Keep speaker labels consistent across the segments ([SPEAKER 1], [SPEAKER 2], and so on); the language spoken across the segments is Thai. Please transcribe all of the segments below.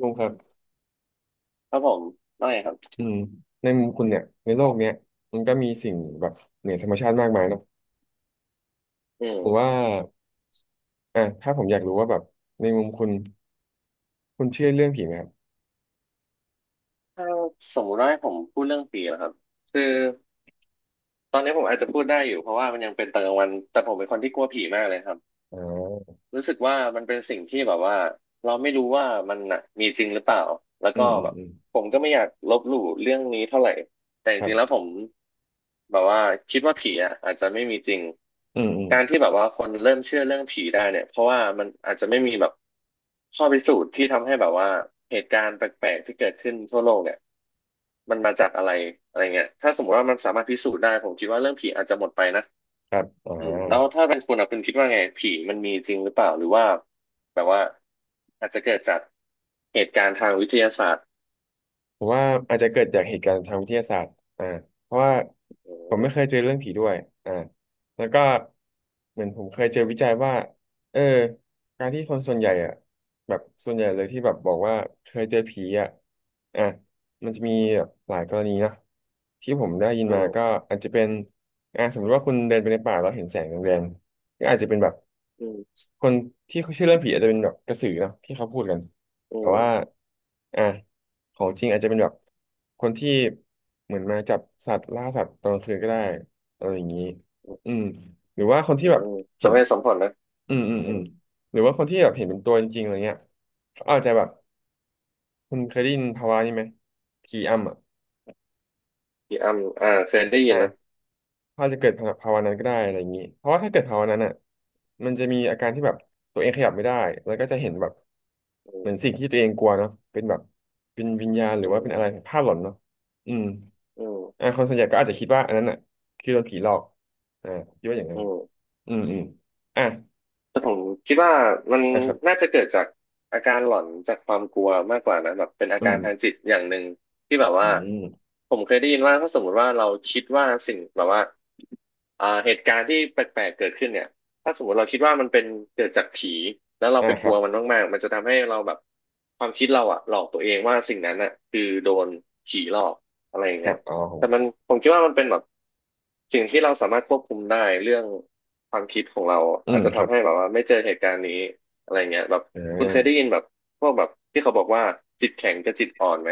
[SPEAKER 1] ลุงครับ
[SPEAKER 2] ครับผมน้อยครับ
[SPEAKER 1] อืมในมุมคุณเนี่ยในโลกเนี้ยมันก็มีสิ่งแบบเหนือธรรมชาติมากมายเนาะ
[SPEAKER 2] อื
[SPEAKER 1] ผม
[SPEAKER 2] ม
[SPEAKER 1] ว่าอ่ะถ้าผมอยากรู้ว่าแบบในมุมคุณเชื่อเรื่องผีไหมครับ
[SPEAKER 2] ถ้าสมมุติว่าให้ผมพูดเรื่องผีนะครับ คือตอนนี้ผมอาจจะพูดได้อยู่เพราะว่ามันยังเป็นตอนกลางวัน แต่ผมเป็นคนที่กลัวผีมากเลยครับ
[SPEAKER 1] อ่า
[SPEAKER 2] รู้สึกว่ามันเป็นสิ่งที่แบบว่าเราไม่รู้ว่ามันน่ะมีจริงหรือเปล่าแล้ว
[SPEAKER 1] อื
[SPEAKER 2] ก็
[SPEAKER 1] มอืม
[SPEAKER 2] แบบ
[SPEAKER 1] อืม
[SPEAKER 2] ผมก็ไม่อยากลบหลู่เรื่องนี้เท่าไหร่แต่จ
[SPEAKER 1] ครั
[SPEAKER 2] ริงๆแล้ว
[SPEAKER 1] บ
[SPEAKER 2] ผมแบบว่าคิดว่าผีอ่ะอาจจะไม่มีจริง
[SPEAKER 1] อืมอืม
[SPEAKER 2] การที่แบบว่าคนเริ่มเชื่อเรื่องผีได้เนี่ยเพราะว่ามันอาจจะไม่มีแบบข้อพิสูจน์ที่ทำให้แบบว่าเหตุการณ์แปลกๆที่เกิดขึ้นทั่วโลกเนี่ยมันมาจากอะไรอะไรเงี้ยถ้าสมมติว่ามันสามารถพิสูจน์ได้ผมคิดว่าเรื่องผีอาจจะหมดไปนะ
[SPEAKER 1] ครับอ่า
[SPEAKER 2] อืมแล้วถ้าเป็นคุณอ่ะคุณคิดว่าไงผีมันมีจริงหรือเปล่าหรือว่าแบบว่าอาจจะเกิดจากเหตุการณ์ทางวิทยาศาสตร์
[SPEAKER 1] ผมว่าอาจจะเกิดจากเหตุการณ์ทางวิทยาศาสตร์อ่าเพราะว่า
[SPEAKER 2] อ
[SPEAKER 1] ผมไม่เคย
[SPEAKER 2] ื
[SPEAKER 1] เจอเรื่องผีด้วยอ่าแล้วก็เหมือนผมเคยเจอวิจัยว่า เออ การที่คนส่วนใหญ่อ่ะแบบส่วนใหญ่เลยที่แบบบอกว่าเคยเจอผีอ่ะอ่ะมันจะมีแบบหลายกรณีนะที่ผมได้ยินมาก็
[SPEAKER 2] ม
[SPEAKER 1] อาจจะเป็นอ่าสมมติว่าคุณเดินไปในป่าแล้วเห็นแสงแดงๆก็อาจจะเป็นแบบ
[SPEAKER 2] อืม
[SPEAKER 1] คนที่เขาเชื่อเรื่องผีอาจจะเป็นแบบกระสือเนาะที่เขาพูดกัน
[SPEAKER 2] อื
[SPEAKER 1] แต่
[SPEAKER 2] ม
[SPEAKER 1] ว่า
[SPEAKER 2] อืม
[SPEAKER 1] อ่ะของจริงอาจจะเป็นแบบคนที่เหมือนมาจับสัตว์ล่าสัตว์ตอนกลางคืนก็ได้อะไรอย่างนี้อืมหรือว่าคนที่
[SPEAKER 2] อื
[SPEAKER 1] แบบ
[SPEAKER 2] มส
[SPEAKER 1] เห็น
[SPEAKER 2] มเหตุสมผลนะ
[SPEAKER 1] อืมอืม
[SPEAKER 2] อื
[SPEAKER 1] อืม
[SPEAKER 2] ม
[SPEAKER 1] หรือว่าคนที่แบบเห็นเป็นตัวจริงๆอะไรเงี้ยเขาอาจจะแบบคุณเคยได้ยินภาวะนี้ไหมผีอำอ่ะ
[SPEAKER 2] พี่อ้ำอ่าเคยได้ยิน
[SPEAKER 1] อ่ะ
[SPEAKER 2] นะ
[SPEAKER 1] อาจจะเกิดภาวะนั้นก็ได้อะไรอย่างนี้เพราะว่าถ้าเกิดภาวะนั้นอ่ะมันจะมีอาการที่แบบตัวเองขยับไม่ได้แล้วก็จะเห็นแบบ
[SPEAKER 2] อื
[SPEAKER 1] เหมือน
[SPEAKER 2] ม
[SPEAKER 1] สิ่งที่ตัวเองกลัวเนาะเป็นแบบเป็นวิญญาณหรือ
[SPEAKER 2] อื
[SPEAKER 1] ว่าเป็น
[SPEAKER 2] ม
[SPEAKER 1] อะไรภาพหลอนเนาะอืม
[SPEAKER 2] อื
[SPEAKER 1] อ่า
[SPEAKER 2] ม
[SPEAKER 1] คนส่วนใหญ่ก็อาจจะคิดว่าอันนั้นอ่ะคือโดนผีหลอกอ่าคิดว่าอย่างนั้
[SPEAKER 2] อื
[SPEAKER 1] น
[SPEAKER 2] ม
[SPEAKER 1] อืมอืมอ่ะ
[SPEAKER 2] แต่ผมคิดว่ามัน
[SPEAKER 1] อ่ะครับ
[SPEAKER 2] น่าจะเกิดจากอาการหลอนจากความกลัวมากกว่านะแบบเป็นอา
[SPEAKER 1] อื
[SPEAKER 2] กา
[SPEAKER 1] ม
[SPEAKER 2] รทางจิตอย่างหนึ่งที่แบบ
[SPEAKER 1] อื
[SPEAKER 2] ว่า
[SPEAKER 1] ม
[SPEAKER 2] ผมเคยได้ยินว่าถ้าสมมติว่าเราคิดว่าสิ่งแบบว่าเหตุการณ์ที่แปลกๆเกิดขึ้นเนี่ยถ้าสมมติเราคิดว่ามันเป็นเกิดจากผีแล้วเรา
[SPEAKER 1] อ่ะ
[SPEAKER 2] ไป
[SPEAKER 1] ค
[SPEAKER 2] ก
[SPEAKER 1] รั
[SPEAKER 2] ลั
[SPEAKER 1] บ
[SPEAKER 2] วมันมากๆมันจะทำให้เราแบบความคิดเราอะหลอกตัวเองว่าสิ่งนั้นอะคือโดนผีหลอกอะไรอย่าง
[SPEAKER 1] ค
[SPEAKER 2] เงี้
[SPEAKER 1] รั
[SPEAKER 2] ย
[SPEAKER 1] บอ๋อผ
[SPEAKER 2] แต่
[SPEAKER 1] ม
[SPEAKER 2] มันผมคิดว่ามันเป็นแบบสิ่งที่เราสามารถควบคุมได้เรื่อง ความคิดของเรา
[SPEAKER 1] อื
[SPEAKER 2] อาจ
[SPEAKER 1] ม
[SPEAKER 2] จะ
[SPEAKER 1] ครั
[SPEAKER 2] ทำ
[SPEAKER 1] บ
[SPEAKER 2] ให้แบบว่าไม่เจอเหตุการณ์นี้อะไรเงี้ยแบบ
[SPEAKER 1] อ่
[SPEAKER 2] คุณเคยได้
[SPEAKER 1] า
[SPEAKER 2] ยินแบบพวกแบบที่เขาบอกว่าจิตแข็งกับจิตอ่อนไหม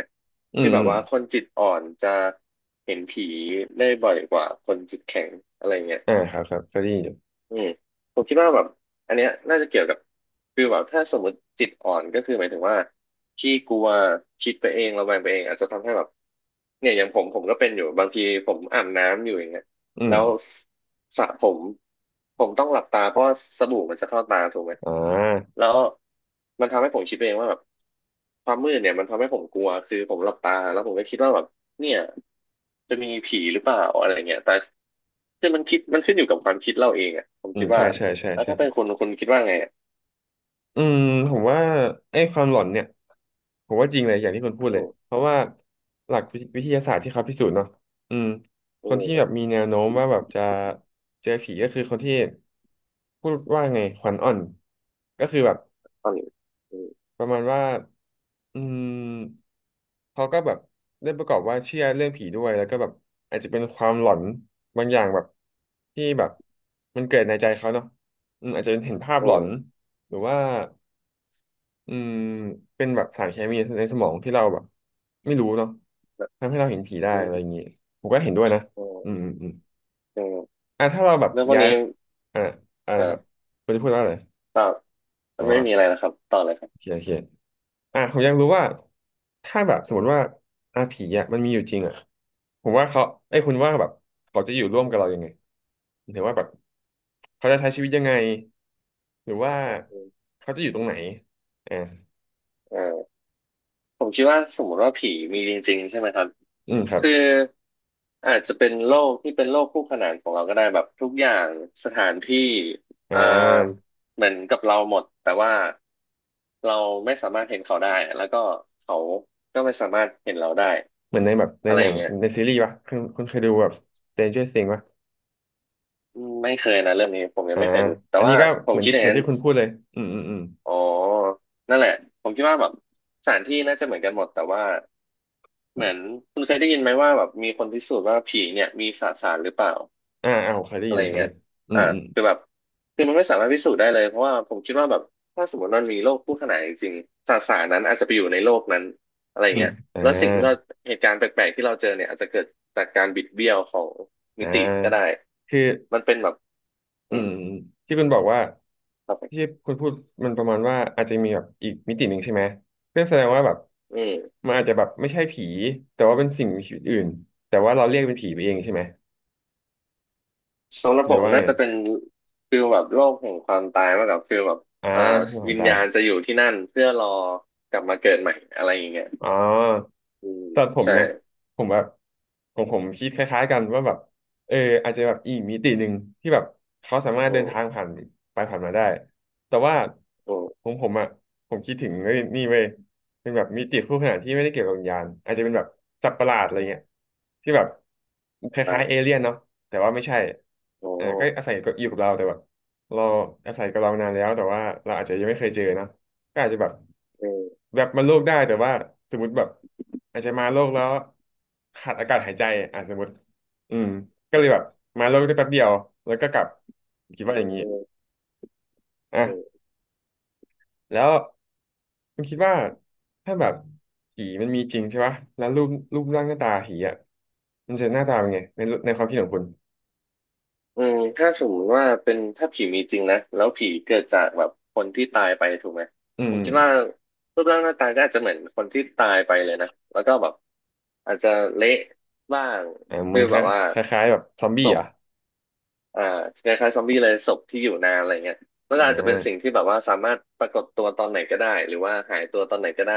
[SPEAKER 1] อืม
[SPEAKER 2] ที่แบ
[SPEAKER 1] อื
[SPEAKER 2] บ
[SPEAKER 1] ม
[SPEAKER 2] ว่าคนจิตอ่อนจะเห็นผีได้บ่อยกว่าคนจิตแข็งอะไรเงี้ย
[SPEAKER 1] อ่าครับครับเคยได้ยินอยู่
[SPEAKER 2] อืมผมคิดว่าแบบอันเนี้ยน่าจะเกี่ยวกับคือแบบถ้าสมมติจิตอ่อนก็คือหมายถึงว่าขี้กลัวคิดไปเองระแวงไปเองอาจจะทำให้แบบเนี่ยอย่างผมก็เป็นอยู่บางทีผมอาบน้ำอยู่อย่างเงี้ย
[SPEAKER 1] อืม
[SPEAKER 2] แล้วสระผมผมต้องหลับตาเพราะว่าสบู่มันจะเข้าตาถูกไหม
[SPEAKER 1] อ่า
[SPEAKER 2] แล้วมันทำให้ผมคิดไปเองว่าแบบความมืดเนี่ยมันทำให้ผมกลัวคือผมหลับตาแล้วผมก็คิดว่าแบบ เนี่ยจะมีผีหรือเปล่าอะไรเงี้ยแต่คือมันคิดมันขึ้นอยู่กับความคิดเราเองอ่ะผม
[SPEAKER 1] อื
[SPEAKER 2] คิ
[SPEAKER 1] ม
[SPEAKER 2] ด
[SPEAKER 1] ใช่
[SPEAKER 2] ว่า
[SPEAKER 1] ใช่ใช่
[SPEAKER 2] แล้ว
[SPEAKER 1] ใช่
[SPEAKER 2] ถ้าเป็นคนคิดว่าไงอะ
[SPEAKER 1] อืมผมว่าไอ้ความหลอนเนี่ยผมว่าจริงเลยอย่างที่คุณพูดเล
[SPEAKER 2] โอ้
[SPEAKER 1] ยเพราะว่าหลักวิวิทยาศาสตร์ที่เขาพิสูจน์เนาะอืมคน
[SPEAKER 2] โอ้
[SPEAKER 1] ที่แบบมีแนวโน้มว่าแบบจะเจอผีก็คือคนที่พูดว่าไงขวัญอ่อนก็คือแบบ
[SPEAKER 2] ตอนนี้โอ้
[SPEAKER 1] ประมาณว่าอืมเขาก็แบบได้ประกอบว่าเชื่อเรื่องผีด้วยแล้วก็แบบอาจจะเป็นความหลอนบางอย่างแบบที่แบบมันเกิดในใจเขาเนาะอืมอาจจะเป็นเห็นภาพหล
[SPEAKER 2] โอ้
[SPEAKER 1] อนหรือว่า อืมเป็นแบบสารเคมีในสมองที่เราแบบไม่รู้เนาะ
[SPEAKER 2] แบบ
[SPEAKER 1] ทำให้เราเห็นผีได้
[SPEAKER 2] โอ้
[SPEAKER 1] อะไรอย่างงี้ผมก็เห็นด้วยนะ
[SPEAKER 2] โอ
[SPEAKER 1] อืม
[SPEAKER 2] ้
[SPEAKER 1] อืมอืม
[SPEAKER 2] เออ
[SPEAKER 1] อ่ะถ้าเราแบบ
[SPEAKER 2] เรื่องพวก
[SPEAKER 1] ย้าย
[SPEAKER 2] นี้
[SPEAKER 1] อ่ะอ่ะ
[SPEAKER 2] เอ
[SPEAKER 1] นะค
[SPEAKER 2] อ
[SPEAKER 1] รับคุณจะพูดว่าอะไร
[SPEAKER 2] ต่อมั
[SPEAKER 1] อ๋อ
[SPEAKER 2] นไม่มีอะไรนะครับต่อเลยครั
[SPEAKER 1] โอ
[SPEAKER 2] บ
[SPEAKER 1] เคโอเคอ่ะผมอยากรู้ว่าถ้าแบบสมมติว่าผีอ่ะมันมีอยู่จริงอ่ะผมว่าเขาไอ้ยคุณว่าแบบเขาจะอยู่ร่วมกับเรายังไงหรือว่าแบบเขาจะใช้ชีวิตยังไงหรือว่าเขาจะอยู่ตรงไหนอ่า
[SPEAKER 2] เออ ผมคิดว่าสมมติว่าผีมีจริงๆใช่ไหมครับ
[SPEAKER 1] อืมครับ
[SPEAKER 2] คืออาจจะเป็นโลกที่เป็นโลกคู่ขนานของเราก็ได้แบบทุกอย่างสถานที่
[SPEAKER 1] อ่
[SPEAKER 2] อ่า
[SPEAKER 1] า
[SPEAKER 2] เหมือนกับเราหมดแต่ว่าเราไม่สามารถเห็นเขาได้แล้วก็เขาก็ไม่สามารถเห็นเราได้
[SPEAKER 1] เหมือนในแบบใน
[SPEAKER 2] อะไร
[SPEAKER 1] หนั
[SPEAKER 2] อย่า
[SPEAKER 1] ง
[SPEAKER 2] งเงี้ย
[SPEAKER 1] ในซีรีส์ป่ะคุณเคยดูแบบ Stranger Things ป่ะ
[SPEAKER 2] อืมไม่เคยนะเรื่องนี้ผมยัง
[SPEAKER 1] อ่า
[SPEAKER 2] ไม่เคยดูแต่
[SPEAKER 1] อันนี้
[SPEAKER 2] ว่า
[SPEAKER 1] ก็
[SPEAKER 2] ผ
[SPEAKER 1] เห
[SPEAKER 2] ม
[SPEAKER 1] มือน
[SPEAKER 2] คิด
[SPEAKER 1] ที่
[SPEAKER 2] อย่า
[SPEAKER 1] เห
[SPEAKER 2] ง
[SPEAKER 1] มือน
[SPEAKER 2] นั้น
[SPEAKER 1] ที่คุณพูดเลยอืมอืมอืม
[SPEAKER 2] อ๋อนั่นแหละผมคิดว่าแบบสถานที่น่าจะเหมือนกันหมดแต่ว่า เหมือนคุณเคยได้ยินไหมว่าแบบมีคนพิสูจน์ว่าผีเนี่ยมีสสารหรือเปล่า
[SPEAKER 1] อ่าอ่าผมเคยได้
[SPEAKER 2] อะ
[SPEAKER 1] ยิ
[SPEAKER 2] ไร
[SPEAKER 1] น
[SPEAKER 2] อย่าง
[SPEAKER 1] อัน
[SPEAKER 2] เงี้
[SPEAKER 1] นี้
[SPEAKER 2] ย
[SPEAKER 1] อื
[SPEAKER 2] อ่า
[SPEAKER 1] มอืม
[SPEAKER 2] คือแบบคือมันไม่สามารถพิสูจน์ได้เลยเพราะว่าผมคิดว่าแบบถ้าสมมติมันมีโลกคู่ขนานจริงๆสสารนั้นอาจจะไปอยู่ในโลกนั้นอะไรอย่า
[SPEAKER 1] อื
[SPEAKER 2] ง
[SPEAKER 1] ม
[SPEAKER 2] เงี้ย
[SPEAKER 1] อ่า
[SPEAKER 2] แล้วสิ่งที่เราเหตุการณ์แปลกๆที่เราเจอเนี่ยอาจจะเกิดจากการบิดเบี้ยวของมิ
[SPEAKER 1] อ่
[SPEAKER 2] ติก็ได้
[SPEAKER 1] าคือ
[SPEAKER 2] มันเป็นแบบ
[SPEAKER 1] อื
[SPEAKER 2] อืม
[SPEAKER 1] มที่คุณบอกว่า
[SPEAKER 2] ครับผ
[SPEAKER 1] ที่
[SPEAKER 2] ม
[SPEAKER 1] คุณพูดมันประมาณว่าอาจจะมีแบบอีกมิติหนึ่งใช่ไหมเพื่อแสดงว่าแบบ
[SPEAKER 2] อืม
[SPEAKER 1] มันอาจจะแบบไม่ใช่ผีแต่ว่าเป็นสิ่งมีชีวิตอื่นแต่ว่าเราเรียกเป็นผีไปเองใช่ไหม
[SPEAKER 2] สำหรับ
[SPEAKER 1] หรื
[SPEAKER 2] ผ
[SPEAKER 1] อ
[SPEAKER 2] ม
[SPEAKER 1] ว่า
[SPEAKER 2] น่า
[SPEAKER 1] ไง
[SPEAKER 2] จะเป็นฟิลแบบโลกแห่งความตายมากกว่าฟิลแบบ
[SPEAKER 1] อ่า
[SPEAKER 2] เอ่อ
[SPEAKER 1] คือความ
[SPEAKER 2] วิญ
[SPEAKER 1] ตาย
[SPEAKER 2] ญาณจะอยู่ที่นั่นเพื่อรอกลับมาเกิดใหม่อะไรอย่างเงี้ย
[SPEAKER 1] อ๋อ
[SPEAKER 2] อืม
[SPEAKER 1] สำหรับผม
[SPEAKER 2] ใช่
[SPEAKER 1] นะผมแบบผมคิดคล้ายๆกันว่าแบบเอออาจจะแบบอีกมิติหนึ่งที่แบบเขาสามารถ
[SPEAKER 2] โอ้
[SPEAKER 1] เดินทางผ่านไปผ่านมาได้แต่ว่า
[SPEAKER 2] โอ้
[SPEAKER 1] ผมอ่ะผมคิดถึงเอ้ยนี่เว้ยเป็นแบบมิติคู่ขนานที่ไม่ได้เกี่ยวกับวิญญาณอาจจะเป็นแบบสัตว์ประหลาดอะไรเงี้ยที่แบบค
[SPEAKER 2] ใช่
[SPEAKER 1] ล้ายๆเอเลี่ยนเนาะแต่ว่าไม่ใช่
[SPEAKER 2] โอ้
[SPEAKER 1] อ่าก็อาศัยก็อยู่กับเราแต่แบบเราอาศัยกับเรานานแล้วแต่ว่าเราอาจจะยังไม่เคยเจอเนอะ ก็อาจจะแบบ
[SPEAKER 2] เออ
[SPEAKER 1] แวบมาโลกได้แต่ว่าสมมติแบบอาจจะมาโลกแล้วขาดอากาศหายใจอ่ะสมมติอืมก็เลยแบบมาโลกได้แป๊บเดียวแล้วก็กลับคิด
[SPEAKER 2] เอ
[SPEAKER 1] ว่าอ
[SPEAKER 2] อ
[SPEAKER 1] ย่างนี้
[SPEAKER 2] เออเออ
[SPEAKER 1] อ่ะแล้วคุณคิดว่าถ้าแบบผีมันมีจริงใช่ปะแล้วรูปรูปร่างหน้าตาผีอ่ะมันจะหน้าตาเป็นไงในความคิดของคุณ
[SPEAKER 2] อืมถ้าสมมติว่าเป็นถ้าผีมีจริงนะแล้วผีเกิดจากแบบคนที่ตายไปถูกไหม
[SPEAKER 1] อื
[SPEAKER 2] ผ
[SPEAKER 1] ม
[SPEAKER 2] มคิดว่ารูปร่างหน้าตาก็อาจจะเหมือนคนที่ตายไปเลยนะแล้วก็แบบอาจจะเละบ้าง
[SPEAKER 1] อ่าเหมื
[SPEAKER 2] คื
[SPEAKER 1] อ
[SPEAKER 2] อ
[SPEAKER 1] นค
[SPEAKER 2] แบบว่า
[SPEAKER 1] ล้ายคล้ายๆแบบซอมบี้
[SPEAKER 2] ศ
[SPEAKER 1] เห
[SPEAKER 2] พ
[SPEAKER 1] รอ่ะ
[SPEAKER 2] อ่าคล้ายๆซอมบี้เลยศพที่อยู่นานอะไรเงี้ยแล้ว
[SPEAKER 1] อ่
[SPEAKER 2] ก็อาจจะเป็นสิ่ง
[SPEAKER 1] า
[SPEAKER 2] ที่แบบว่าสามารถปรากฏตัวตอนไหนก็ได้หรือว่าหายตัวตอนไหนก็ได้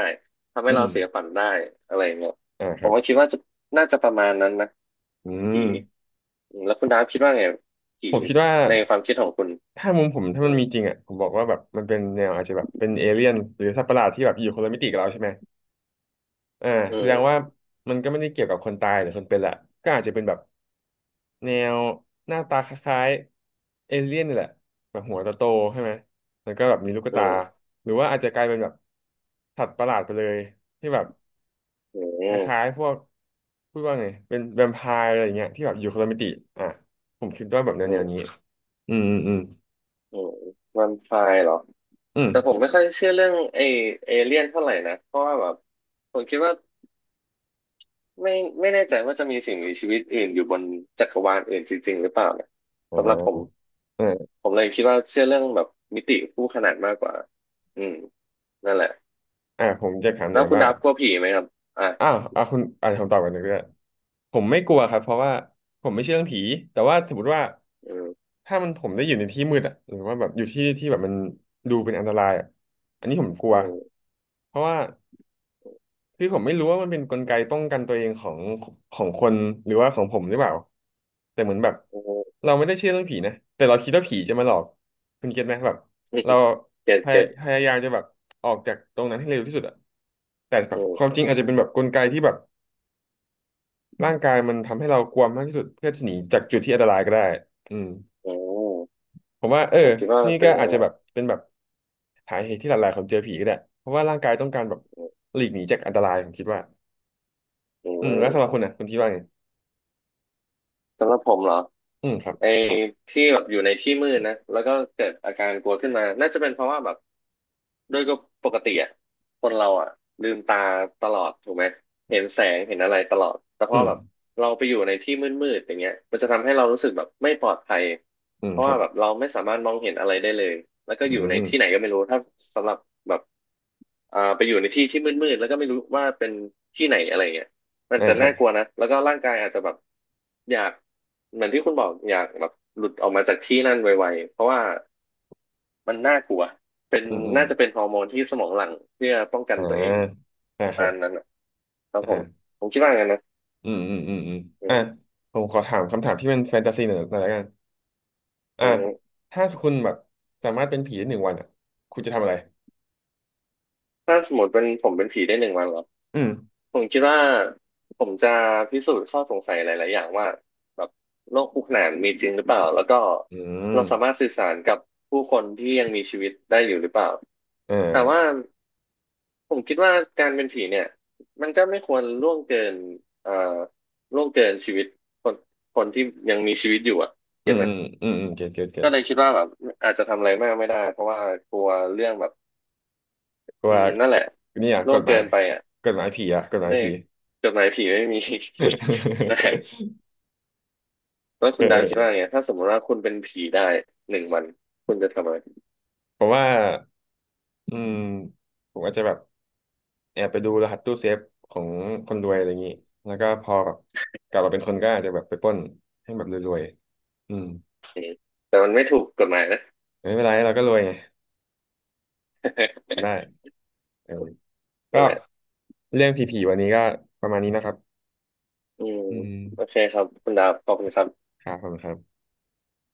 [SPEAKER 2] ทำ
[SPEAKER 1] อื
[SPEAKER 2] ให้เรา
[SPEAKER 1] ม
[SPEAKER 2] เสียฝันได้อะไรเงี้ย
[SPEAKER 1] อ่าค
[SPEAKER 2] ผ
[SPEAKER 1] รั
[SPEAKER 2] ม
[SPEAKER 1] บ
[SPEAKER 2] ก็คิดว่าจะน่าจะประมาณนั้นนะ
[SPEAKER 1] อื
[SPEAKER 2] ผี
[SPEAKER 1] ม
[SPEAKER 2] อืมแล้วคุณดาฟคิดว่าไงผี
[SPEAKER 1] ผมคิดว่า
[SPEAKER 2] ในความคิดของคุณ
[SPEAKER 1] ถ้ามุมผมถ้า
[SPEAKER 2] อื
[SPEAKER 1] มัน
[SPEAKER 2] ม
[SPEAKER 1] มีจริงอ่ะผมบอกว่าแบบมันเป็นแนวอาจจะแบบเป็นเอเลี่ยนหรือสัตว์ประหลาดที่แบบอยู่คนละมิติกับเราใช่ไหมอ่า
[SPEAKER 2] อื
[SPEAKER 1] แสดงว่า
[SPEAKER 2] ม
[SPEAKER 1] มันก็ไม่ได้เกี่ยวกับคนตายหรือคนเป็นละก็อาจจะเป็นแบบแนวหน้าตาคล้ายๆเอเลี่ยนนี่แหละแบบหัวโตๆใช่ไหมแล้วก็แบบมีลูก
[SPEAKER 2] อื
[SPEAKER 1] ตา
[SPEAKER 2] ม
[SPEAKER 1] หรือว่าอาจจะกลายเป็นแบบสัตว์ประหลาดไปเลยที่แบบ
[SPEAKER 2] อื
[SPEAKER 1] ค
[SPEAKER 2] ม
[SPEAKER 1] ล้ายๆพวกพูดว่าไงเป็นแวมไพร์อะไรอย่างเงี้ยที่แบบอยู่คนละมิติอ่ะผมคิดว่าแบบ
[SPEAKER 2] อื
[SPEAKER 1] แนว
[SPEAKER 2] ม
[SPEAKER 1] ๆนี้อืมอืมอืม
[SPEAKER 2] อืมวันไฟเหรอ
[SPEAKER 1] อืม
[SPEAKER 2] แต่ผมไม่ค่อยเชื่อเรื่องไอเอเลี่ยนเท่าไหร่นะเพราะว่าแบบผมคิดว่า ไม่แน่ใจว่าจะมีสิ่งมีชีวิตอื่นอยู่บนจักรวาลอื่นจริงๆหรือเปล่าเนี่ยสำหรับผม
[SPEAKER 1] อ่า
[SPEAKER 2] ผมเลยคิดว่าเชื่อเรื่องแบบมิติคู่ขนานมากกว่าอืมนั่นแหละ
[SPEAKER 1] ผมจะถามหน่
[SPEAKER 2] แล้
[SPEAKER 1] อ
[SPEAKER 2] ว
[SPEAKER 1] ย
[SPEAKER 2] คุณ
[SPEAKER 1] ว่า
[SPEAKER 2] ดับกลัวผีไหมครับอ่ะ
[SPEAKER 1] อ้าวคุณคำตอบกันหนึ่งด้วยผมไม่กลัวครับเพราะว่าผมไม่เชื่อเรื่องผีแต่ว่าสมมติว่า
[SPEAKER 2] อืม
[SPEAKER 1] ถ้ามันผมได้อยู่ในที่มืดอะหรือว่าแบบอยู่ที่ที่แบบมันดูเป็นอันตรายอะอันนี้ผมกลัว
[SPEAKER 2] อืม
[SPEAKER 1] เพราะว่าคือผมไม่รู้ว่ามันเป็นกลไกป้องกันตัวเองของคนหรือว่าของผมหรือเปล่าแต่เหมือนแบบ
[SPEAKER 2] อืม
[SPEAKER 1] เราไม่ได้เชื่อเรื่องผีนะแต่เราคิดว่าผีจะมาหลอกคุณเก็ตไหมแบบเรา
[SPEAKER 2] เก็ตเก็ต
[SPEAKER 1] พยายามจะแบบออกจากตรงนั้นให้เร็วที่สุดอะ แต่แบบ
[SPEAKER 2] อืม
[SPEAKER 1] ความจริงอาจจะเป็นแบบกลไกที่แบบร่างกายมันทำให้เรากลัวมากที่สุดเพื่อที่หนีจากจุดที่อันตรายก็ได้อืม
[SPEAKER 2] อืม
[SPEAKER 1] ผมว่าเออ
[SPEAKER 2] ผมคิดว่า
[SPEAKER 1] นี่
[SPEAKER 2] มันเป็
[SPEAKER 1] ก็
[SPEAKER 2] นอย่าง
[SPEAKER 1] อาจ
[SPEAKER 2] นั้น
[SPEAKER 1] จะ
[SPEAKER 2] แหละ
[SPEAKER 1] แบบเป็นแบบสาเหตุที่หลายๆคนเจอผีก็ได้เพราะว่าร่างกายต้องการแบบ
[SPEAKER 2] อืม
[SPEAKER 1] หลีกหนีจากอันตรายผมคิดว่า
[SPEAKER 2] อื
[SPEAKER 1] อืมแล้วสำหรั
[SPEAKER 2] ม
[SPEAKER 1] บคุณนะคุณคิดว่าไง
[SPEAKER 2] สำหรับผมเหรอ
[SPEAKER 1] อืมครับ
[SPEAKER 2] ไอ้ที่แบบอยู่ในที่มืดนะแล้วก็เกิดอาการกลัวขึ้นมาน่าจะเป็นเพราะว่าแบบ ด้วยก็ปกติอ่ะคนเราอ่ะลืมตาตลอดถูกไหมเห็นแสงเห็นอะไรตลอดแต่พ
[SPEAKER 1] อื
[SPEAKER 2] อ
[SPEAKER 1] ม
[SPEAKER 2] แบบเราไปอยู่ในที่มืดๆอย่างเงี้ยมันจะทำให้เรารู้สึกแบบไม่ปลอดภัย
[SPEAKER 1] อืม
[SPEAKER 2] เพราะ
[SPEAKER 1] ครั
[SPEAKER 2] ว่า
[SPEAKER 1] บ
[SPEAKER 2] แบบเราไม่สามารถมองเห็นอะไรได้เลยแล้วก็
[SPEAKER 1] อื
[SPEAKER 2] อยู่ในที่ไหน
[SPEAKER 1] ม
[SPEAKER 2] ก็ไม่รู้ถ้าสำหรับแบบอ่าไปอยู่ในที่ที่มืดๆแล้วก็ไม่รู้ว่าเป็นที่ไหนอะไรเงี้ยมัน
[SPEAKER 1] อ่า
[SPEAKER 2] จะ
[SPEAKER 1] ครั
[SPEAKER 2] น่า
[SPEAKER 1] บ
[SPEAKER 2] กลัวนะแล้วก็ร่างกายอาจจะแบบอยากเหมือนที่คุณบอกอยากแบบหลุดออกมาจากที่นั่นไวๆเพราะว่า มันน่ากลัวเป็น
[SPEAKER 1] อืมอืม
[SPEAKER 2] น่าจะเป็นฮอร์โมนที่สมองหลั่งเพื่อป้องกัน
[SPEAKER 1] อ่า
[SPEAKER 2] ตัวเอง
[SPEAKER 1] อ่า
[SPEAKER 2] ประ
[SPEAKER 1] ครั
[SPEAKER 2] มา
[SPEAKER 1] บ
[SPEAKER 2] ณนั้นอะครับผม
[SPEAKER 1] อ่า
[SPEAKER 2] ผมคิดว่างั้นนะ
[SPEAKER 1] อืมอืมอืมอืม
[SPEAKER 2] อื
[SPEAKER 1] อ่า
[SPEAKER 2] ม
[SPEAKER 1] ผมขอถามคำถามที่เป็นแฟนตาซีหน่อยหน่อยละกัน
[SPEAKER 2] อื
[SPEAKER 1] อ่า
[SPEAKER 2] ม
[SPEAKER 1] ถ้าคุณแบบสามารถเป็นผีได้1 วันอ่ะคุณจะทำอะไร
[SPEAKER 2] ถ้าสมมติเป็นผมเป็นผีได้หนึ่งวันเหรอ
[SPEAKER 1] อืม
[SPEAKER 2] ผมคิดว่าผมจะพิสูจน์ข้อสงสัยหลายๆอย่างว่าแบบโลกคู่ขนานมีจริงหรือเปล่าแล้วก็
[SPEAKER 1] อืม
[SPEAKER 2] เราสามารถสื่อสารกับผู้คนที่ยังมีชีวิตได้อยู่หรือเปล่า
[SPEAKER 1] เอ
[SPEAKER 2] แต่ว่า
[SPEAKER 1] อ
[SPEAKER 2] ผมคิดว่าการเป็นผีเนี่ยมันก็ไม่ควรล่วงเกินเอ่อล่วงเกินชีวิตคนคนที่ยังมีชีวิตอยู่อ่ะ
[SPEAKER 1] อื
[SPEAKER 2] เก็ต
[SPEAKER 1] ม
[SPEAKER 2] ไหม
[SPEAKER 1] อืมอืมอืมเก็ตเก็ตเก็
[SPEAKER 2] ก็
[SPEAKER 1] ต
[SPEAKER 2] เลยคิดว่าแบบอาจจะทำอะไรมากไม่ได้เพราะว่ากลัวเรื่องแบบอื
[SPEAKER 1] ว่า
[SPEAKER 2] มนั่นแหละ
[SPEAKER 1] เนี่ย
[SPEAKER 2] ล่
[SPEAKER 1] ก
[SPEAKER 2] วง
[SPEAKER 1] ฎห
[SPEAKER 2] เกิ
[SPEAKER 1] มาย
[SPEAKER 2] นไปอ่ะ
[SPEAKER 1] กฎหมายผีอะกฎหมา
[SPEAKER 2] ใน
[SPEAKER 1] ยผี
[SPEAKER 2] จดหมายผีไม่มี นะฮะ แล้วคุณดาวคิด
[SPEAKER 1] เออ
[SPEAKER 2] ว่าไงถ้าสมมติว่าคุณเป็นผีได้หนึ่งวันคุณจะทำอะไร
[SPEAKER 1] ผมว่าอืมผมอาจจะแบบแอบไปดูรหัสตู้เซฟของคนรวยอะไรอย่างนี้แล้วก็พอแบบกลับมาเป็นคนก็อาจจะแบบไปปล้นให้แบบรวยๆอืม
[SPEAKER 2] อืมแต่มันไม่ถูกกฎหมายนะ
[SPEAKER 1] ไม่เป็นไรเราก็รวยไงได้ เออก็
[SPEAKER 2] นั่นแหละ
[SPEAKER 1] เรื่องผีๆวันนี้ก็ประมาณนี้นะครับ
[SPEAKER 2] อืม
[SPEAKER 1] อืม
[SPEAKER 2] โอเคครับคุณดาวขอบคุณครับ
[SPEAKER 1] ครับขอบคุณครับ